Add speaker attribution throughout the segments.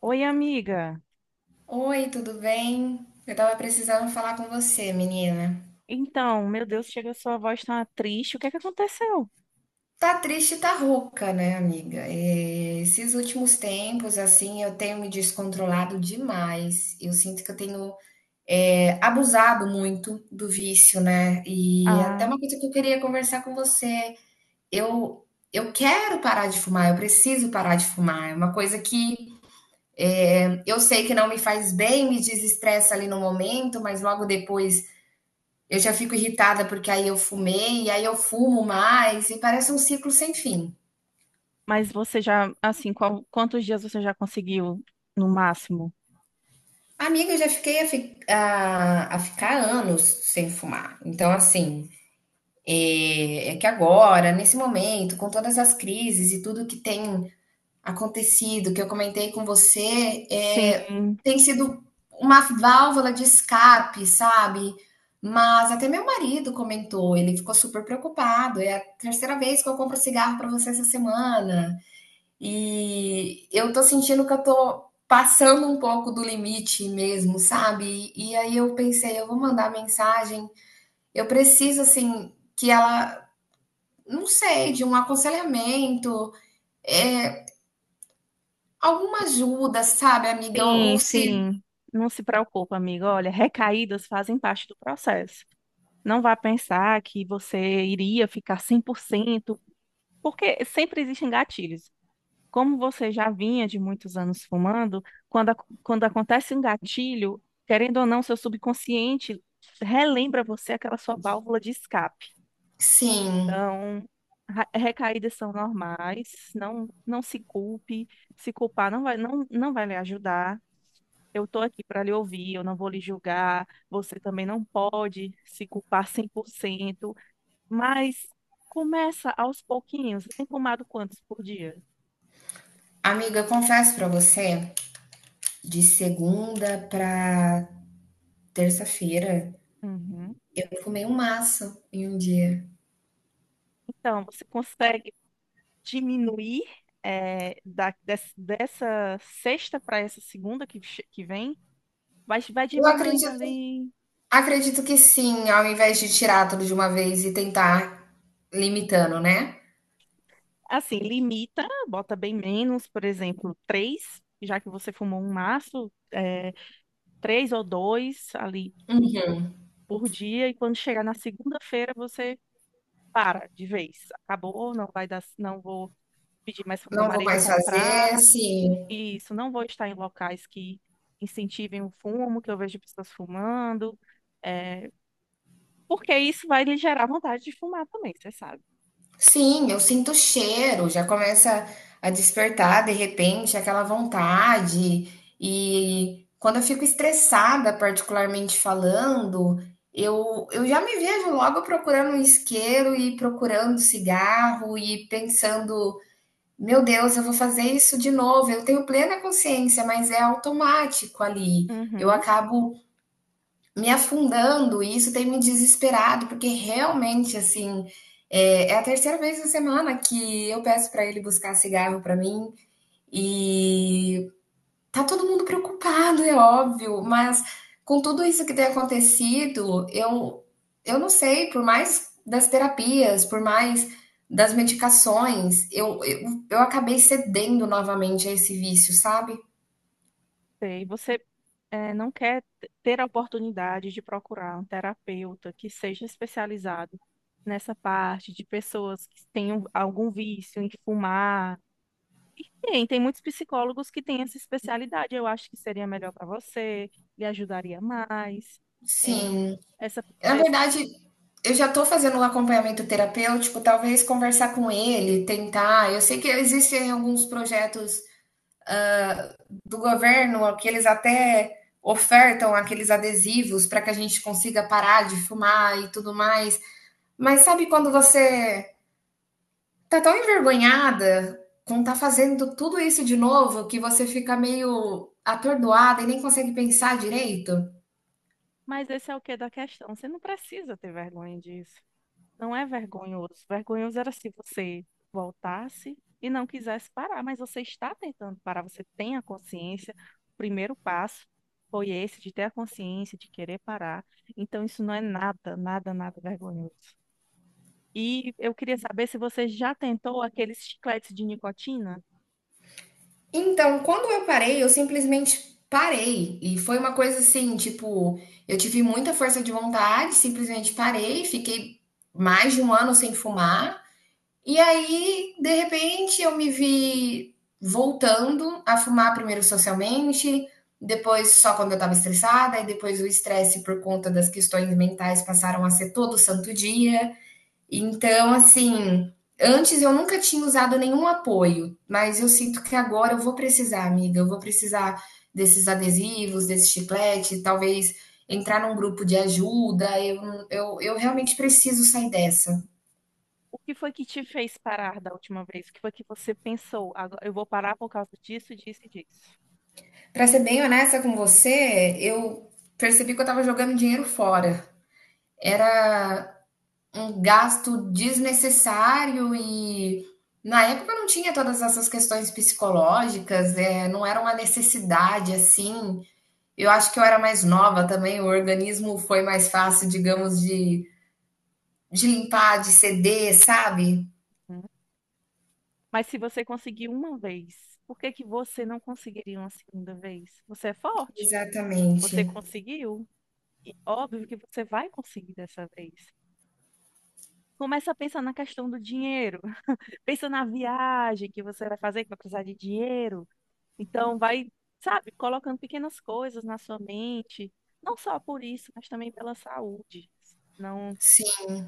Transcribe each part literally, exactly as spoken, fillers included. Speaker 1: Oi, amiga.
Speaker 2: Oi, tudo bem? Eu tava precisando falar com você, menina.
Speaker 1: Então, meu Deus, chega, sua voz tá triste. O que é que aconteceu?
Speaker 2: Tá triste, tá rouca, né, amiga? É, esses últimos tempos, assim, eu tenho me descontrolado demais. Eu sinto que eu tenho, é, abusado muito do vício, né? E é até
Speaker 1: Ah,
Speaker 2: uma coisa que eu queria conversar com você. Eu, eu quero parar de fumar, eu preciso parar de fumar. É uma coisa que eu sei que não me faz bem, me desestressa ali no momento, mas logo depois. Eu já fico irritada porque aí eu fumei, e aí eu fumo mais, e parece um ciclo sem fim.
Speaker 1: mas você já, assim, qual- quantos dias você já conseguiu no máximo?
Speaker 2: Amiga, eu já fiquei a, fi- a- a ficar anos sem fumar. Então, assim, é, é que agora, nesse momento, com todas as crises e tudo que tem acontecido, que eu comentei com você, é,
Speaker 1: Sim,
Speaker 2: tem sido uma válvula de escape, sabe? Mas até meu marido comentou, ele ficou super preocupado. É a terceira vez que eu compro cigarro para você essa semana. E eu tô sentindo que eu tô passando um pouco do limite mesmo, sabe? E aí eu pensei, eu vou mandar mensagem, eu preciso assim que ela, não sei, de um aconselhamento, é alguma ajuda, sabe, amiga?
Speaker 1: sim,
Speaker 2: Ou se
Speaker 1: sim. Não se preocupa, amiga. Olha, recaídas fazem parte do processo. Não vá pensar que você iria ficar cem por cento, porque sempre existem gatilhos. Como você já vinha de muitos anos fumando, quando, ac- quando acontece um gatilho, querendo ou não, seu subconsciente relembra você aquela sua válvula de escape.
Speaker 2: sim,
Speaker 1: Então, ra- recaídas são normais, não, não se culpe, se culpar não vai, não, não vai lhe ajudar. Eu estou aqui para lhe ouvir, eu não vou lhe julgar, você também não pode se culpar cem por cento, mas começa aos pouquinhos. Você tem fumado quantos por dia?
Speaker 2: amiga, eu confesso pra você, de segunda pra terça-feira,
Speaker 1: Uhum.
Speaker 2: eu fumei um maço em um dia.
Speaker 1: Então, você consegue diminuir é, da, des- dessa sexta para essa segunda que, che- que vem, vai vai
Speaker 2: Eu
Speaker 1: diminuindo
Speaker 2: acredito
Speaker 1: ali.
Speaker 2: Acredito que sim, ao invés de tirar tudo de uma vez e tentar limitando, né.
Speaker 1: Assim, limita, bota bem menos, por exemplo, três, já que você fumou um maço, é, três ou dois ali por dia, e quando chegar na segunda-feira você para de vez. Acabou, não vai dar, não vou pedir mais para meu
Speaker 2: Não vou
Speaker 1: marido
Speaker 2: mais fazer,
Speaker 1: comprar,
Speaker 2: sim.
Speaker 1: e isso, não vou estar em locais que incentivem o fumo, que eu vejo pessoas fumando. eh, Porque isso vai lhe gerar vontade de fumar também, você sabe.
Speaker 2: Sim, eu sinto o cheiro, já começa a despertar de repente aquela vontade. E quando eu fico estressada, particularmente falando, eu eu já me vejo logo procurando um isqueiro e procurando cigarro e pensando meu Deus, eu vou fazer isso de novo. Eu tenho plena consciência, mas é automático ali. Eu
Speaker 1: Uhum.
Speaker 2: acabo me afundando e isso tem me desesperado, porque realmente, assim, é, é a terceira vez na semana que eu peço para ele buscar cigarro para mim. E tá todo mundo preocupado, é óbvio, mas com tudo isso que tem acontecido, eu, eu não sei, por mais das terapias, por mais das medicações, eu, eu, eu acabei cedendo novamente a esse vício, sabe?
Speaker 1: E você eh, não quer t- ter a oportunidade de procurar um terapeuta que seja especializado nessa parte de pessoas que tenham algum vício em fumar. E tem, tem muitos psicólogos que têm essa especialidade. Eu acho que seria melhor para você, lhe ajudaria mais. É,
Speaker 2: Sim.
Speaker 1: essa,
Speaker 2: Na
Speaker 1: esse-
Speaker 2: verdade, eu já tô fazendo um acompanhamento terapêutico, talvez conversar com ele, tentar. Eu sei que existem alguns projetos do governo, que eles até ofertam aqueles adesivos para que a gente consiga parar de fumar e tudo mais. Mas sabe quando você tá tão envergonhada com tá fazendo tudo isso de novo que você fica meio atordoada e nem consegue pensar direito?
Speaker 1: mas esse é o quê da questão. Você não precisa ter vergonha disso. Não é vergonhoso. Vergonhoso era se você voltasse e não quisesse parar, mas você está tentando parar, você tem a consciência. O primeiro passo foi esse, de ter a consciência, de querer parar. Então, isso não é nada, nada, nada vergonhoso. E eu queria saber se você já tentou aqueles chicletes de nicotina.
Speaker 2: Então, quando eu parei, eu simplesmente parei. E foi uma coisa assim, tipo, eu tive muita força de vontade, simplesmente parei, fiquei mais de um ano sem fumar. E aí, de repente, eu me vi voltando a fumar primeiro socialmente, depois só quando eu estava estressada, e depois o estresse por conta das questões mentais passaram a ser todo santo dia. Então, assim, antes eu nunca tinha usado nenhum apoio, mas eu sinto que agora eu vou precisar, amiga, eu vou precisar desses adesivos, desse chiclete, talvez entrar num grupo de ajuda. Eu, eu, eu realmente preciso sair dessa.
Speaker 1: O que foi que te fez parar da última vez? O que foi que você pensou? Agora eu vou parar por causa disso, disso e disso.
Speaker 2: Pra ser bem honesta com você, eu percebi que eu tava jogando dinheiro fora. Era um gasto desnecessário e na época eu não tinha todas essas questões psicológicas, eh, não era uma necessidade assim. Eu acho que eu era mais nova também, o organismo foi mais fácil, digamos, de, de limpar, de ceder, sabe?
Speaker 1: Mas se você conseguiu uma vez, por que que você não conseguiria uma segunda vez? Você é forte,
Speaker 2: Exatamente.
Speaker 1: você conseguiu, e óbvio que você vai conseguir dessa vez. Começa a pensar na questão do dinheiro, pensa na viagem que você vai fazer, que vai precisar de dinheiro. Então, vai, sabe, colocando pequenas coisas na sua mente, não só por isso, mas também pela saúde. Não,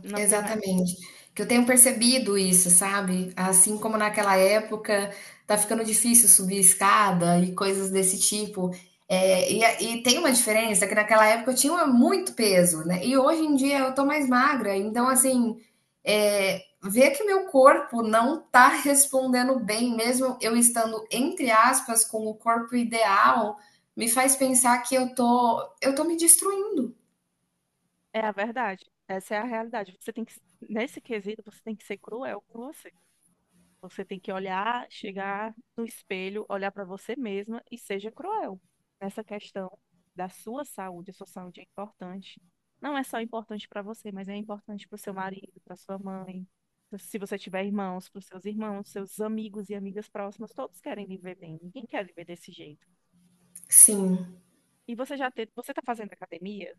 Speaker 1: não tem.
Speaker 2: Exatamente. Que eu tenho percebido isso, sabe? Assim como naquela época, tá ficando difícil subir escada e coisas desse tipo. É, e, a- e tem uma diferença que naquela época eu tinha muito peso, né? E hoje em dia eu tô mais magra, então assim, é, ver que meu corpo não tá respondendo bem, mesmo eu estando, entre aspas, com o corpo ideal, me faz pensar que eu tô, eu tô me destruindo.
Speaker 1: É a verdade, essa é a realidade. Você tem que, nesse quesito, você tem que ser cruel com você. Você tem que olhar, chegar no espelho, olhar para você mesma e seja cruel nessa questão da sua saúde. A sua saúde é importante. Não é só importante para você, mas é importante para o seu marido, para sua mãe, pro- se você tiver irmãos, para os seus irmãos, seus amigos e amigas próximas. Todos querem viver bem. Ninguém quer viver desse jeito.
Speaker 2: Sim.
Speaker 1: E você já ter, você está fazendo academia?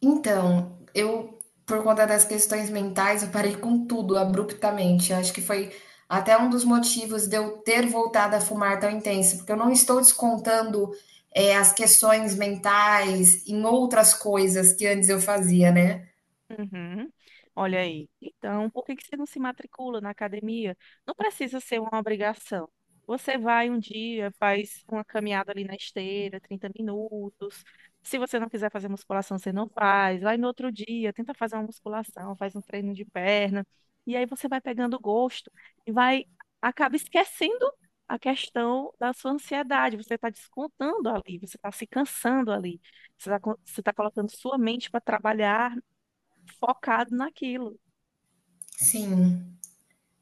Speaker 2: Então, eu, por conta das questões mentais, eu parei com tudo abruptamente. Eu acho que foi até um dos motivos de eu ter voltado a fumar tão intenso, porque eu não estou descontando, eh, as questões mentais em outras coisas que antes eu fazia, né.
Speaker 1: Uhum. Olha aí. Então, por que que você não se matricula na academia? Não precisa ser uma obrigação. Você vai um dia, faz uma caminhada ali na esteira, trinta minutos. Se você não quiser fazer musculação, você não faz. Vai no outro dia, tenta fazer uma musculação, faz um treino de perna. E aí você vai pegando gosto e vai, acaba esquecendo a questão da sua ansiedade. Você está descontando ali, você está se cansando ali. Você está colocando sua mente para trabalhar focado naquilo.
Speaker 2: Sim.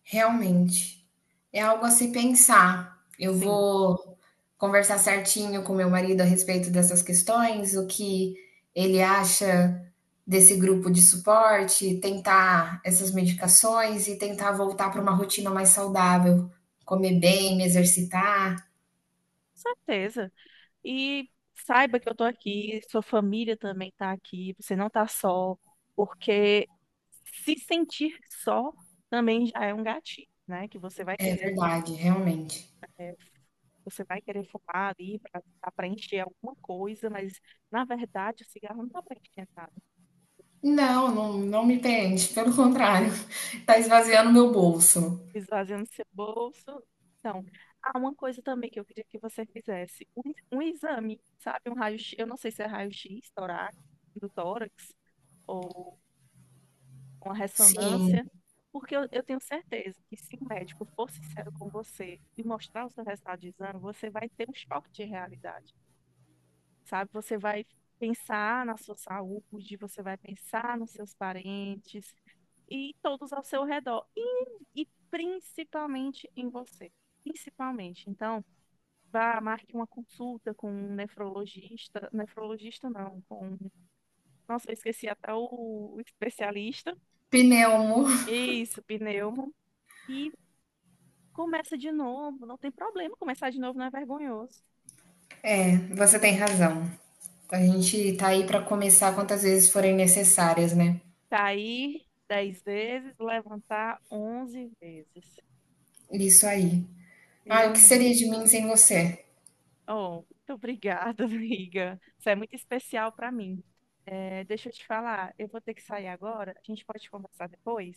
Speaker 2: Realmente. É algo a se pensar. Eu
Speaker 1: Sim.
Speaker 2: vou conversar certinho com meu marido a respeito dessas questões, o que ele acha desse grupo de suporte, tentar essas medicações e tentar voltar para uma rotina mais saudável, comer bem, me exercitar.
Speaker 1: Certeza. E saiba que eu tô aqui, sua família também tá aqui, você não tá só, porque se sentir só também já é um gatilho, né? Que você vai
Speaker 2: É
Speaker 1: querer,
Speaker 2: verdade, realmente.
Speaker 1: é, você vai querer fumar ali para preencher alguma coisa, mas na verdade o cigarro não tá preenchendo nada.
Speaker 2: Não, não, não me preenche, pelo contrário, tá esvaziando meu bolso.
Speaker 1: Esvaziando seu bolso. Então, há uma coisa também que eu queria que você fizesse, um, um exame, sabe? Um raio-x, eu não sei se é raio-x torácico, do tórax, ou uma
Speaker 2: Sim,
Speaker 1: ressonância, porque eu, eu tenho certeza que se o médico for sincero com você e mostrar o seu resultado de exame, você vai ter um choque de realidade, sabe? Você vai pensar na sua saúde, você vai pensar nos seus parentes e todos ao seu redor, e, e principalmente em você. Principalmente. Então, vá, marque uma consulta com um nefrologista. Nefrologista não, com. Nossa, eu esqueci até o o especialista.
Speaker 2: pneumo.
Speaker 1: Isso, pneumo. E começa de novo. Não tem problema, começar de novo não é vergonhoso.
Speaker 2: É, você tem razão. A gente tá aí pra começar quantas vezes forem necessárias, né?
Speaker 1: Cair dez vezes, levantar onze vezes.
Speaker 2: Isso aí.
Speaker 1: Meu
Speaker 2: Ah, o que
Speaker 1: amigo,
Speaker 2: seria de mim sem você?
Speaker 1: oh, muito obrigada, amiga. Isso é muito especial para mim. É, deixa eu te falar, eu vou ter que sair agora. A gente pode conversar depois?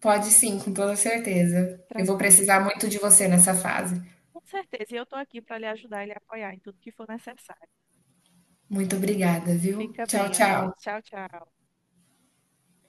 Speaker 2: Pode sim, com toda certeza. Eu vou
Speaker 1: Tranquilo.
Speaker 2: precisar muito de você nessa fase.
Speaker 1: Com certeza. E eu estou aqui para lhe ajudar e lhe apoiar em tudo que for necessário.
Speaker 2: Muito obrigada, viu?
Speaker 1: Fica
Speaker 2: Tchau,
Speaker 1: bem, amiga.
Speaker 2: tchau.
Speaker 1: Tchau, tchau.